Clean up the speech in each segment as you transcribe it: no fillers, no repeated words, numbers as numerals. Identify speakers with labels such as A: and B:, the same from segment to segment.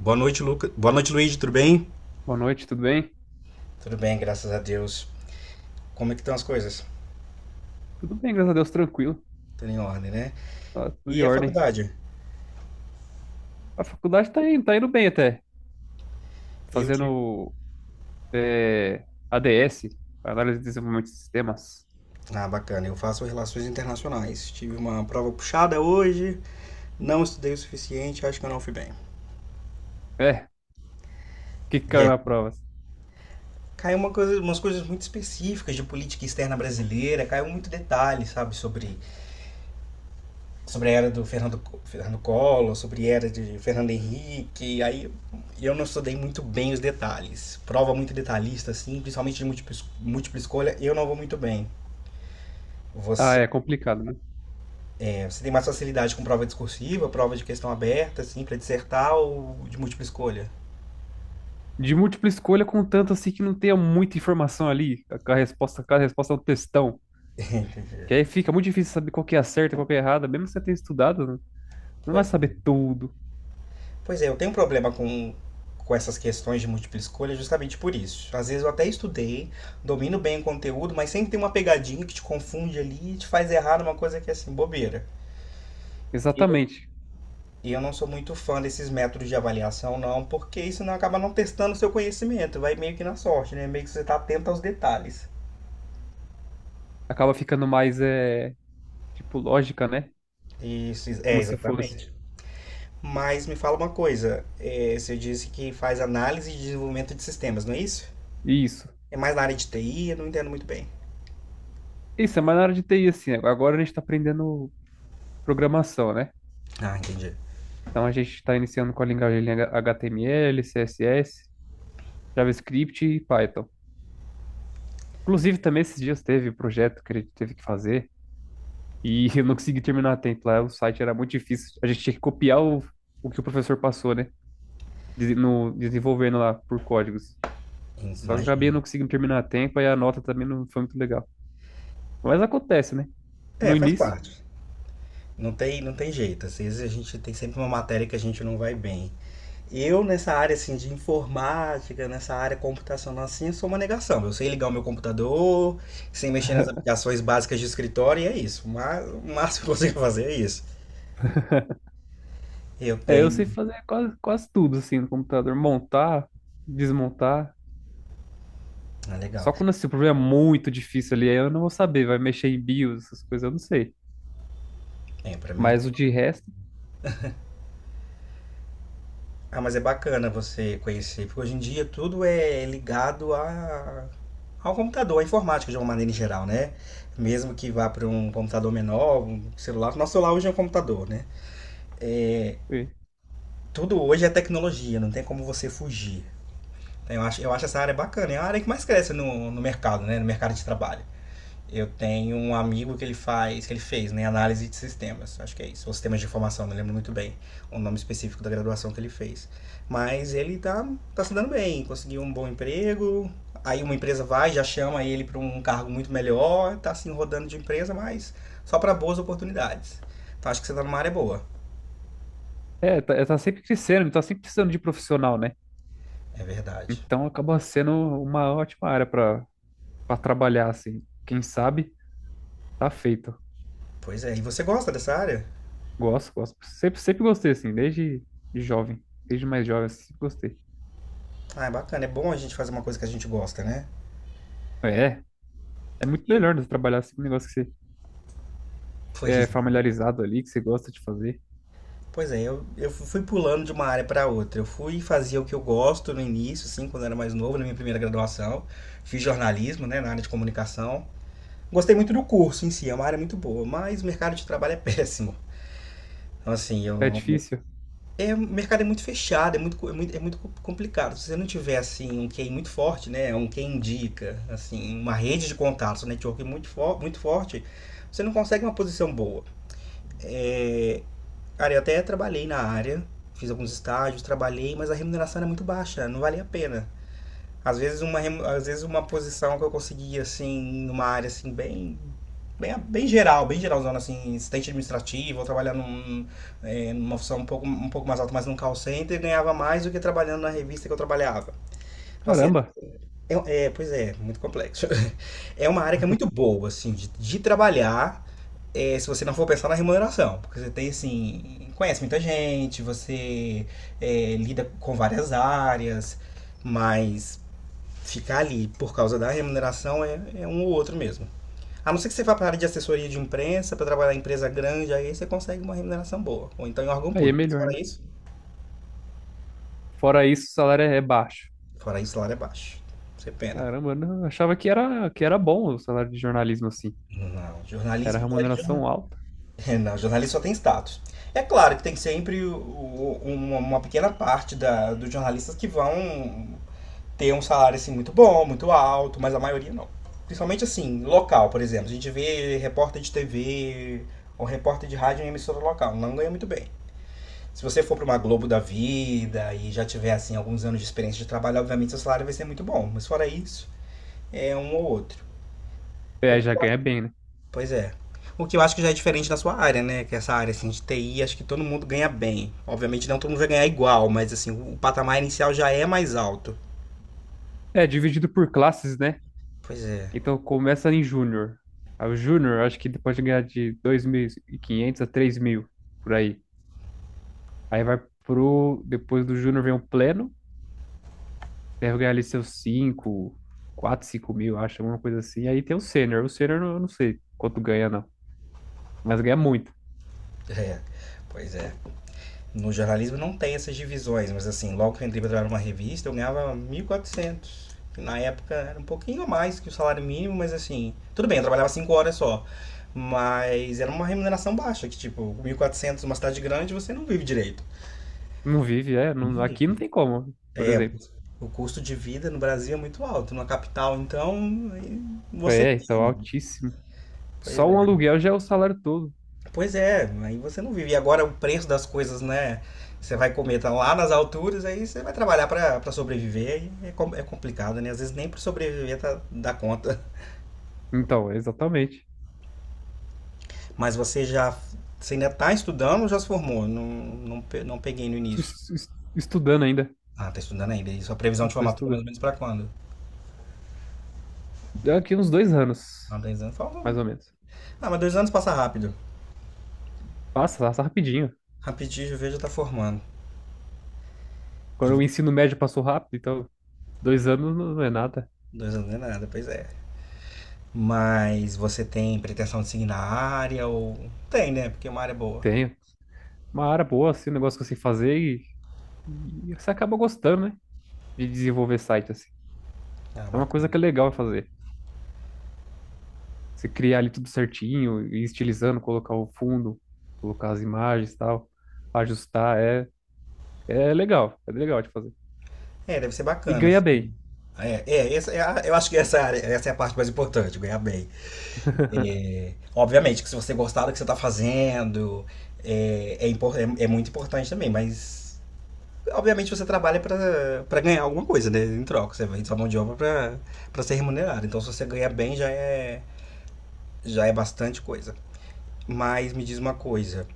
A: Boa noite, Lucas. Boa noite, Luiz, tudo bem?
B: Boa noite, tudo bem?
A: Tudo bem, graças a Deus. Como é que estão as coisas?
B: Tudo bem, graças a Deus, tranquilo.
A: Tudo em ordem, né?
B: Tá tudo em
A: E a
B: ordem.
A: faculdade?
B: A faculdade tá indo bem até.
A: Eu tive.
B: Fazendo ADS, Análise de Desenvolvimento de Sistemas.
A: Ah, bacana. Eu faço relações internacionais. Tive uma prova puxada hoje, não estudei o suficiente, acho que eu não fui bem.
B: É, que caiu
A: É.
B: na prova.
A: Caiu uma coisa, umas coisas muito específicas de política externa brasileira, caiu muito detalhe, sabe, sobre a era do Fernando, Fernando Collor, sobre a era de Fernando Henrique, aí eu não estudei muito bem os detalhes. Prova muito detalhista, assim, principalmente de múltipla escolha, eu não vou muito bem.
B: Ah,
A: Você,
B: é complicado, né?
A: você tem mais facilidade com prova discursiva, prova de questão aberta, assim, para dissertar ou de múltipla escolha?
B: De múltipla escolha, contanto assim que não tenha muita informação ali. A resposta, cada resposta é um textão. Que aí fica muito difícil saber qual que é a certa e qual que é a errada. Mesmo que você tenha estudado, né? Não vai
A: Pois é.
B: saber tudo.
A: Pois é, eu tenho um problema com essas questões de múltipla escolha justamente por isso. Às vezes eu até estudei, domino bem o conteúdo, mas sempre tem uma pegadinha que te confunde ali e te faz errar numa coisa que é assim, bobeira.
B: Exatamente.
A: E eu não sou muito fã desses métodos de avaliação, não, porque isso não acaba não testando o seu conhecimento, vai meio que na sorte, né? Meio que você está atento aos detalhes.
B: Acaba ficando mais, tipo, lógica, né?
A: Isso, é,
B: Como se fosse.
A: exatamente. Mas me fala uma coisa, você disse que faz análise e desenvolvimento de sistemas, não é isso?
B: Isso.
A: É mais na área de TI, eu não entendo muito bem.
B: Isso, é mais na área de TI, assim. Agora a gente está aprendendo programação, né?
A: Ah, entendi.
B: Então a gente está iniciando com a linguagem HTML, CSS, JavaScript e Python. Inclusive, também esses dias teve um projeto que a gente teve que fazer e eu não consegui terminar a tempo lá. O site era muito difícil. A gente tinha que copiar o que o professor passou, né? Dese- No, Desenvolvendo lá por códigos. Só que eu acabei
A: Imagino.
B: não conseguindo terminar a tempo e a nota também não foi muito legal. Mas acontece, né? No
A: É, faz
B: início.
A: parte. Não tem jeito. Às vezes a gente tem sempre uma matéria que a gente não vai bem. Eu, nessa área assim, de informática, nessa área computacional assim, eu sou uma negação. Eu sei ligar o meu computador, sem mexer nas aplicações básicas de escritório, e é isso. Mas o máximo que eu consigo fazer é isso. Eu
B: É, eu sei
A: tenho.
B: fazer quase tudo assim no computador. Montar, desmontar.
A: Ah, legal.
B: Só quando assim, o problema é muito difícil ali, aí eu não vou saber, vai mexer em BIOS, essas coisas, eu não sei.
A: É, pra mim.
B: Mas o de resto,
A: Ah, mas é bacana você conhecer, porque hoje em dia tudo é ligado a... ao computador, à informática de uma maneira em geral, né? Mesmo que vá para um computador menor, um celular. Nosso celular hoje é um computador, né? É,
B: é,
A: tudo hoje é tecnologia, não tem como você fugir. Eu acho essa área bacana. É a área que mais cresce no mercado, né? No mercado de trabalho. Eu tenho um amigo que ele fez, né? Análise de sistemas, acho que é isso. Ou sistemas de informação, não lembro muito bem o nome específico da graduação que ele fez. Mas ele tá se dando bem, conseguiu um bom emprego. Aí uma empresa vai, já chama ele para um cargo muito melhor, tá assim rodando de empresa, mas só para boas oportunidades. Então acho que você tá numa área boa.
B: tá sempre crescendo, tá sempre precisando de profissional, né?
A: É verdade.
B: Então acaba sendo uma ótima área pra para trabalhar, assim. Quem sabe, tá feito.
A: Pois é, e você gosta dessa área?
B: Gosto, gosto. Sempre gostei, assim, desde de jovem, desde mais jovem, assim, sempre gostei.
A: Ah, é bacana, é bom a gente fazer uma coisa que a gente gosta, né?
B: É, é muito melhor né, trabalhar assim com um negócio que você
A: Pois,
B: é
A: é.
B: familiarizado ali, que você gosta de fazer.
A: Pois é, eu fui pulando de uma área para outra. Eu fui fazer o que eu gosto no início, assim, quando eu era mais novo, na minha primeira graduação. Fiz jornalismo, né, na área de comunicação. Gostei muito do curso em si, é uma área muito boa, mas o mercado de trabalho é péssimo. Então, assim,
B: É
A: eu,
B: difícil?
A: é, o mercado é muito fechado, é muito, co- é muito complicado. Se você não tiver, assim, um quem muito forte, né, um quem indica, assim, uma rede de contatos, um network muito forte, você não consegue uma posição boa. É, cara, eu até trabalhei na área, fiz alguns estágios, trabalhei, mas a remuneração era muito baixa, não valia a pena. Às vezes uma posição que eu conseguia, assim, numa área, assim, bem geral, bem geralzona, assim, assistente administrativo, ou trabalhar num, é, numa função um pouco mais alta, mas num call center, ganhava mais do que trabalhando na revista que eu trabalhava. Então, assim,
B: Caramba,
A: é, é, pois é, muito complexo. É uma área que é muito boa, assim, de trabalhar, é, se você não for pensar na remuneração, porque você tem assim, conhece muita gente, você é, lida com várias áreas, mas ficar ali por causa da remuneração é, é um ou outro mesmo. A não ser que você vá para a área de assessoria de imprensa, para trabalhar em empresa grande, aí você consegue uma remuneração boa, ou então em órgão
B: aí é
A: público.
B: melhor, né? Fora isso, o salário é baixo.
A: Fora isso, o salário é baixo. Você pena.
B: Caramba, eu não, eu achava que era bom o salário de jornalismo, assim.
A: Não,
B: Era
A: jornalismo,
B: remuneração alta.
A: é, não, jornalista só tem status. É claro que tem sempre uma pequena parte dos jornalistas que vão ter um salário assim muito bom, muito alto, mas a maioria não. Principalmente assim, local, por exemplo. A gente vê repórter de TV ou repórter de rádio em emissora local, não ganha muito bem. Se você for para uma Globo da vida e já tiver assim alguns anos de experiência de trabalho, obviamente seu salário vai ser muito bom. Mas fora isso, é um ou outro. O
B: É, já
A: que eu
B: ganha bem, né?
A: Pois é. O que eu acho que já é diferente da sua área, né? Que essa área assim, de TI, acho que todo mundo ganha bem. Obviamente não todo mundo vai ganhar igual, mas assim, o patamar inicial já é mais alto.
B: É, dividido por classes, né?
A: Pois é.
B: Então começa em júnior. Aí o júnior, acho que ele pode ganhar de 2.500 a 3.000 por aí. Aí vai pro... Depois do júnior vem o pleno. Deve ganhar ali seus 5, 4, 5.000, acho, alguma coisa assim. Aí tem o sênior. O sênior eu não sei quanto ganha, não. Mas ganha muito.
A: É. Pois é. No jornalismo não tem essas divisões, mas assim, logo que eu entrei para trabalhar numa revista, eu ganhava 1.400 quatrocentos. Na época era um pouquinho a mais que o salário mínimo, mas assim, tudo bem, eu trabalhava 5 horas só. Mas era uma remuneração baixa, que tipo, 1.400 numa cidade grande, você não vive direito.
B: Não vive, é. Aqui não tem como, por
A: É,
B: exemplo.
A: o custo de vida no Brasil é muito alto. Na capital, então, aí você
B: É,
A: vive,
B: então,
A: né?
B: altíssimo.
A: Pois
B: Só um
A: é.
B: aluguel já é o salário todo.
A: Pois é, aí você não vive. E agora o preço das coisas, né? Você vai comer, tá lá nas alturas, aí você vai trabalhar pra sobreviver. E é, é complicado, né? Às vezes nem pra sobreviver tá, dá conta.
B: Então, exatamente.
A: Mas você já. Você ainda tá estudando ou já se formou? Não, não, não peguei no
B: Tu
A: início.
B: Es- es- Estudando ainda.
A: Ah, tá estudando ainda. E sua previsão
B: Eu
A: de
B: tô
A: formatura é mais
B: estudando.
A: ou menos pra quando?
B: Deu aqui uns dois anos,
A: Ah, 2 anos.
B: mais ou menos.
A: Ah, mas 2 anos passa rápido.
B: Passa, passa rapidinho.
A: Rapidinho, o V já tá formando.
B: Quando o ensino médio passou rápido, então, dois anos não é nada.
A: 2 anos não é nada, pois é. Mas você tem pretensão de seguir na área ou. Tem, né? Porque é uma área boa.
B: Tenho. Uma área boa, assim, um negócio que eu sei fazer e você acaba gostando, né? De desenvolver site, assim.
A: Ah,
B: É uma coisa
A: bacana.
B: que é legal fazer. Você criar ali tudo certinho, ir estilizando, colocar o fundo, colocar as imagens e tal, ajustar, é legal de fazer.
A: É, deve ser
B: E
A: bacana,
B: ganha
A: assim.
B: bem.
A: É, é, eu acho que essa é a área, essa é a parte mais importante, ganhar bem. É, obviamente que se você gostar do que você está fazendo, é, é, é muito importante também, mas obviamente você trabalha para ganhar alguma coisa, né? Em troca, você vende sua mão de obra para ser remunerado. Então se você ganhar bem já é bastante coisa. Mas me diz uma coisa,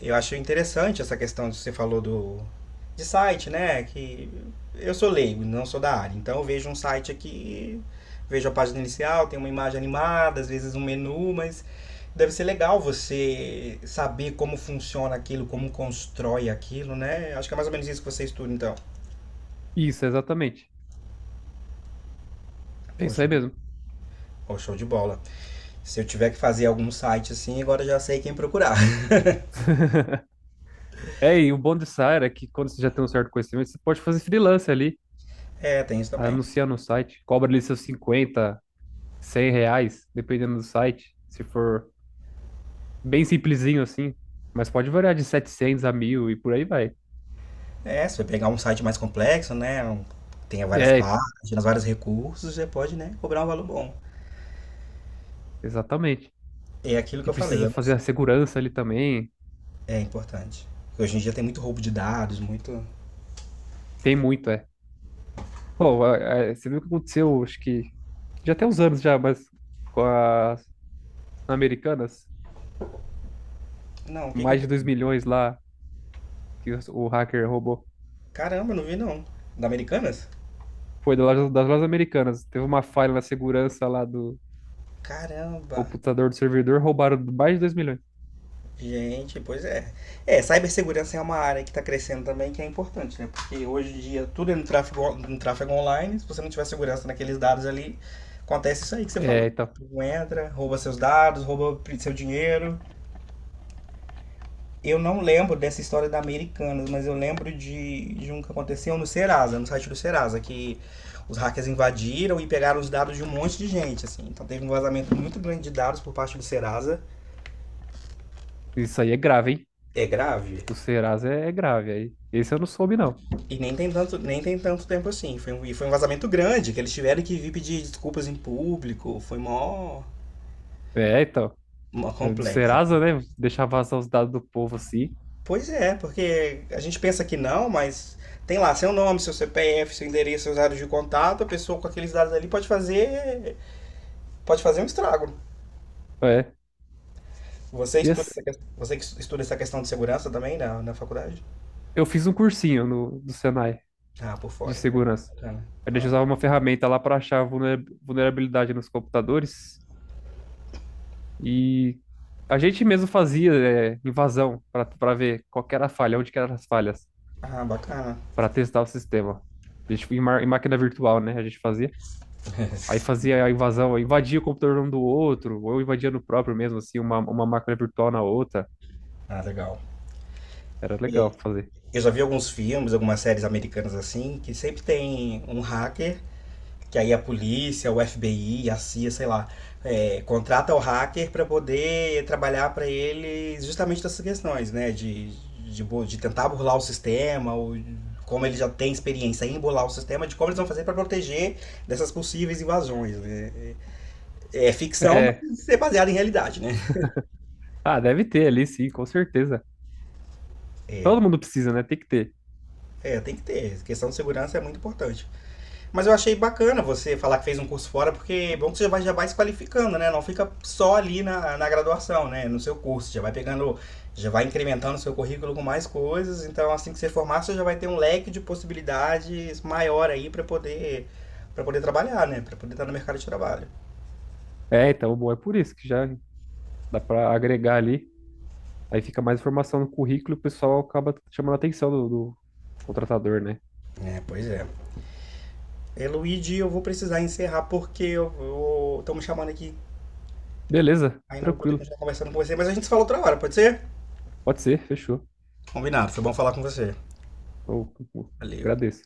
A: eu acho interessante essa questão que você falou do de site, né? Que eu sou leigo, não sou da área. Então eu vejo um site aqui, vejo a página inicial, tem uma imagem animada, às vezes um menu, mas deve ser legal você saber como funciona aquilo, como constrói aquilo, né? Acho que é mais ou menos isso que você estuda, então.
B: Isso, exatamente. É
A: Pô,
B: isso
A: show
B: aí
A: de
B: mesmo.
A: Pô, show de bola. Se eu tiver que fazer algum site assim, agora eu já sei quem procurar.
B: É, e o bom dessa área é que quando você já tem um certo conhecimento, você pode fazer freelance ali,
A: É, tem isso também.
B: anunciar no site, cobra ali seus 50 100 reais, dependendo do site, se for bem simplesinho assim, mas pode variar de 700 a 1000 e por aí vai.
A: É, se você pegar um site mais complexo, né? Tenha várias
B: É,
A: páginas, vários recursos, você pode, né, cobrar um valor bom.
B: exatamente.
A: É aquilo que
B: E
A: eu falei,
B: precisa
A: eu
B: fazer
A: não,
B: a segurança ali também.
A: é importante. Hoje em dia tem muito roubo de dados, muito.
B: Tem muito, é. Pô, a- Você viu o que aconteceu, acho que já tem uns anos já, mas com as americanas,
A: Não, o que que eu.
B: mais de 2.000.000 lá que o hacker roubou.
A: Caramba, não vi não. Da Americanas?
B: Foi das lojas americanas. Teve uma falha na segurança lá do
A: Caramba!
B: computador do servidor, roubaram mais de 2.000.000.
A: Gente, pois é. É, cibersegurança é uma área que está crescendo também, que é importante, né? Porque hoje em dia tudo é no tráfego, no tráfego online. Se você não tiver segurança naqueles dados ali, acontece isso aí que você falou.
B: É, então,
A: Tu entra, rouba seus dados, seu dinheiro. Eu não lembro dessa história da Americanas, mas eu lembro de um que aconteceu no Serasa, no site do Serasa, que os hackers invadiram e pegaram os dados de um monte de gente, assim. Então teve um vazamento muito grande de dados por parte do Serasa.
B: isso aí é grave, hein?
A: É grave.
B: Do Serasa é, é grave, aí. Esse eu não soube, não.
A: Nem tem tanto tempo assim. Foi um vazamento grande, que eles tiveram que vir pedir desculpas em público.
B: É, então,
A: Mó
B: é, do
A: complexa.
B: Serasa, né? Deixar vazar os dados do povo assim.
A: Pois é, porque a gente pensa que não, mas tem lá seu nome, seu CPF, seu endereço, seus dados de contato. A pessoa com aqueles dados ali pode fazer pode fazer um estrago.
B: É. E assim,
A: Você que estuda essa questão de segurança também na faculdade?
B: eu fiz um cursinho no, do Senai
A: Ah, por
B: de
A: fora, hein? Legal,
B: segurança.
A: bacana.
B: A gente
A: Ah,
B: usava uma ferramenta lá para achar vulnerabilidade nos computadores e a gente mesmo fazia invasão para ver qual que era a falha, onde que eram as falhas,
A: ah, bacana.
B: para testar o sistema. A gente em máquina virtual, né? A gente fazia. Aí fazia a invasão, invadia o computador um do outro, ou invadia no próprio mesmo, assim, uma máquina virtual na outra.
A: Ah, legal.
B: Era
A: E
B: legal fazer.
A: eu já vi alguns filmes, algumas séries americanas assim, que sempre tem um hacker que aí a polícia, o FBI, a CIA, sei lá, é, contrata o hacker para poder trabalhar para ele justamente dessas questões, né? De tentar burlar o sistema, ou como ele já tem experiência em burlar o sistema, de como eles vão fazer para proteger dessas possíveis invasões, né? É, é ficção,
B: É.
A: mas é baseado em realidade, né?
B: Ah, deve ter ali, sim, com certeza.
A: É,
B: Todo mundo precisa, né? Tem que ter.
A: Tem que ter. A questão de segurança é muito importante. Mas eu achei bacana você falar que fez um curso fora, porque é bom que você já vai se qualificando, né? Não fica só ali na graduação, né? No seu curso, já vai pegando, já vai incrementando o seu currículo com mais coisas. Então, assim que você formar, você já vai ter um leque de possibilidades maior aí para poder trabalhar, né? Para poder estar no mercado de trabalho.
B: É, então, bom, é por isso que já dá para agregar ali. Aí fica mais informação no currículo e o pessoal acaba chamando a atenção do contratador, né?
A: É, pois é. E, Luigi, eu vou precisar encerrar porque eu vou... estão me chamando aqui.
B: Beleza,
A: Ainda vou poder
B: tranquilo.
A: continuar conversando com você, mas a gente se fala outra hora, pode ser?
B: Pode ser, fechou.
A: Combinado, foi bom falar com você.
B: Eu- eu-
A: Valeu.
B: Agradeço.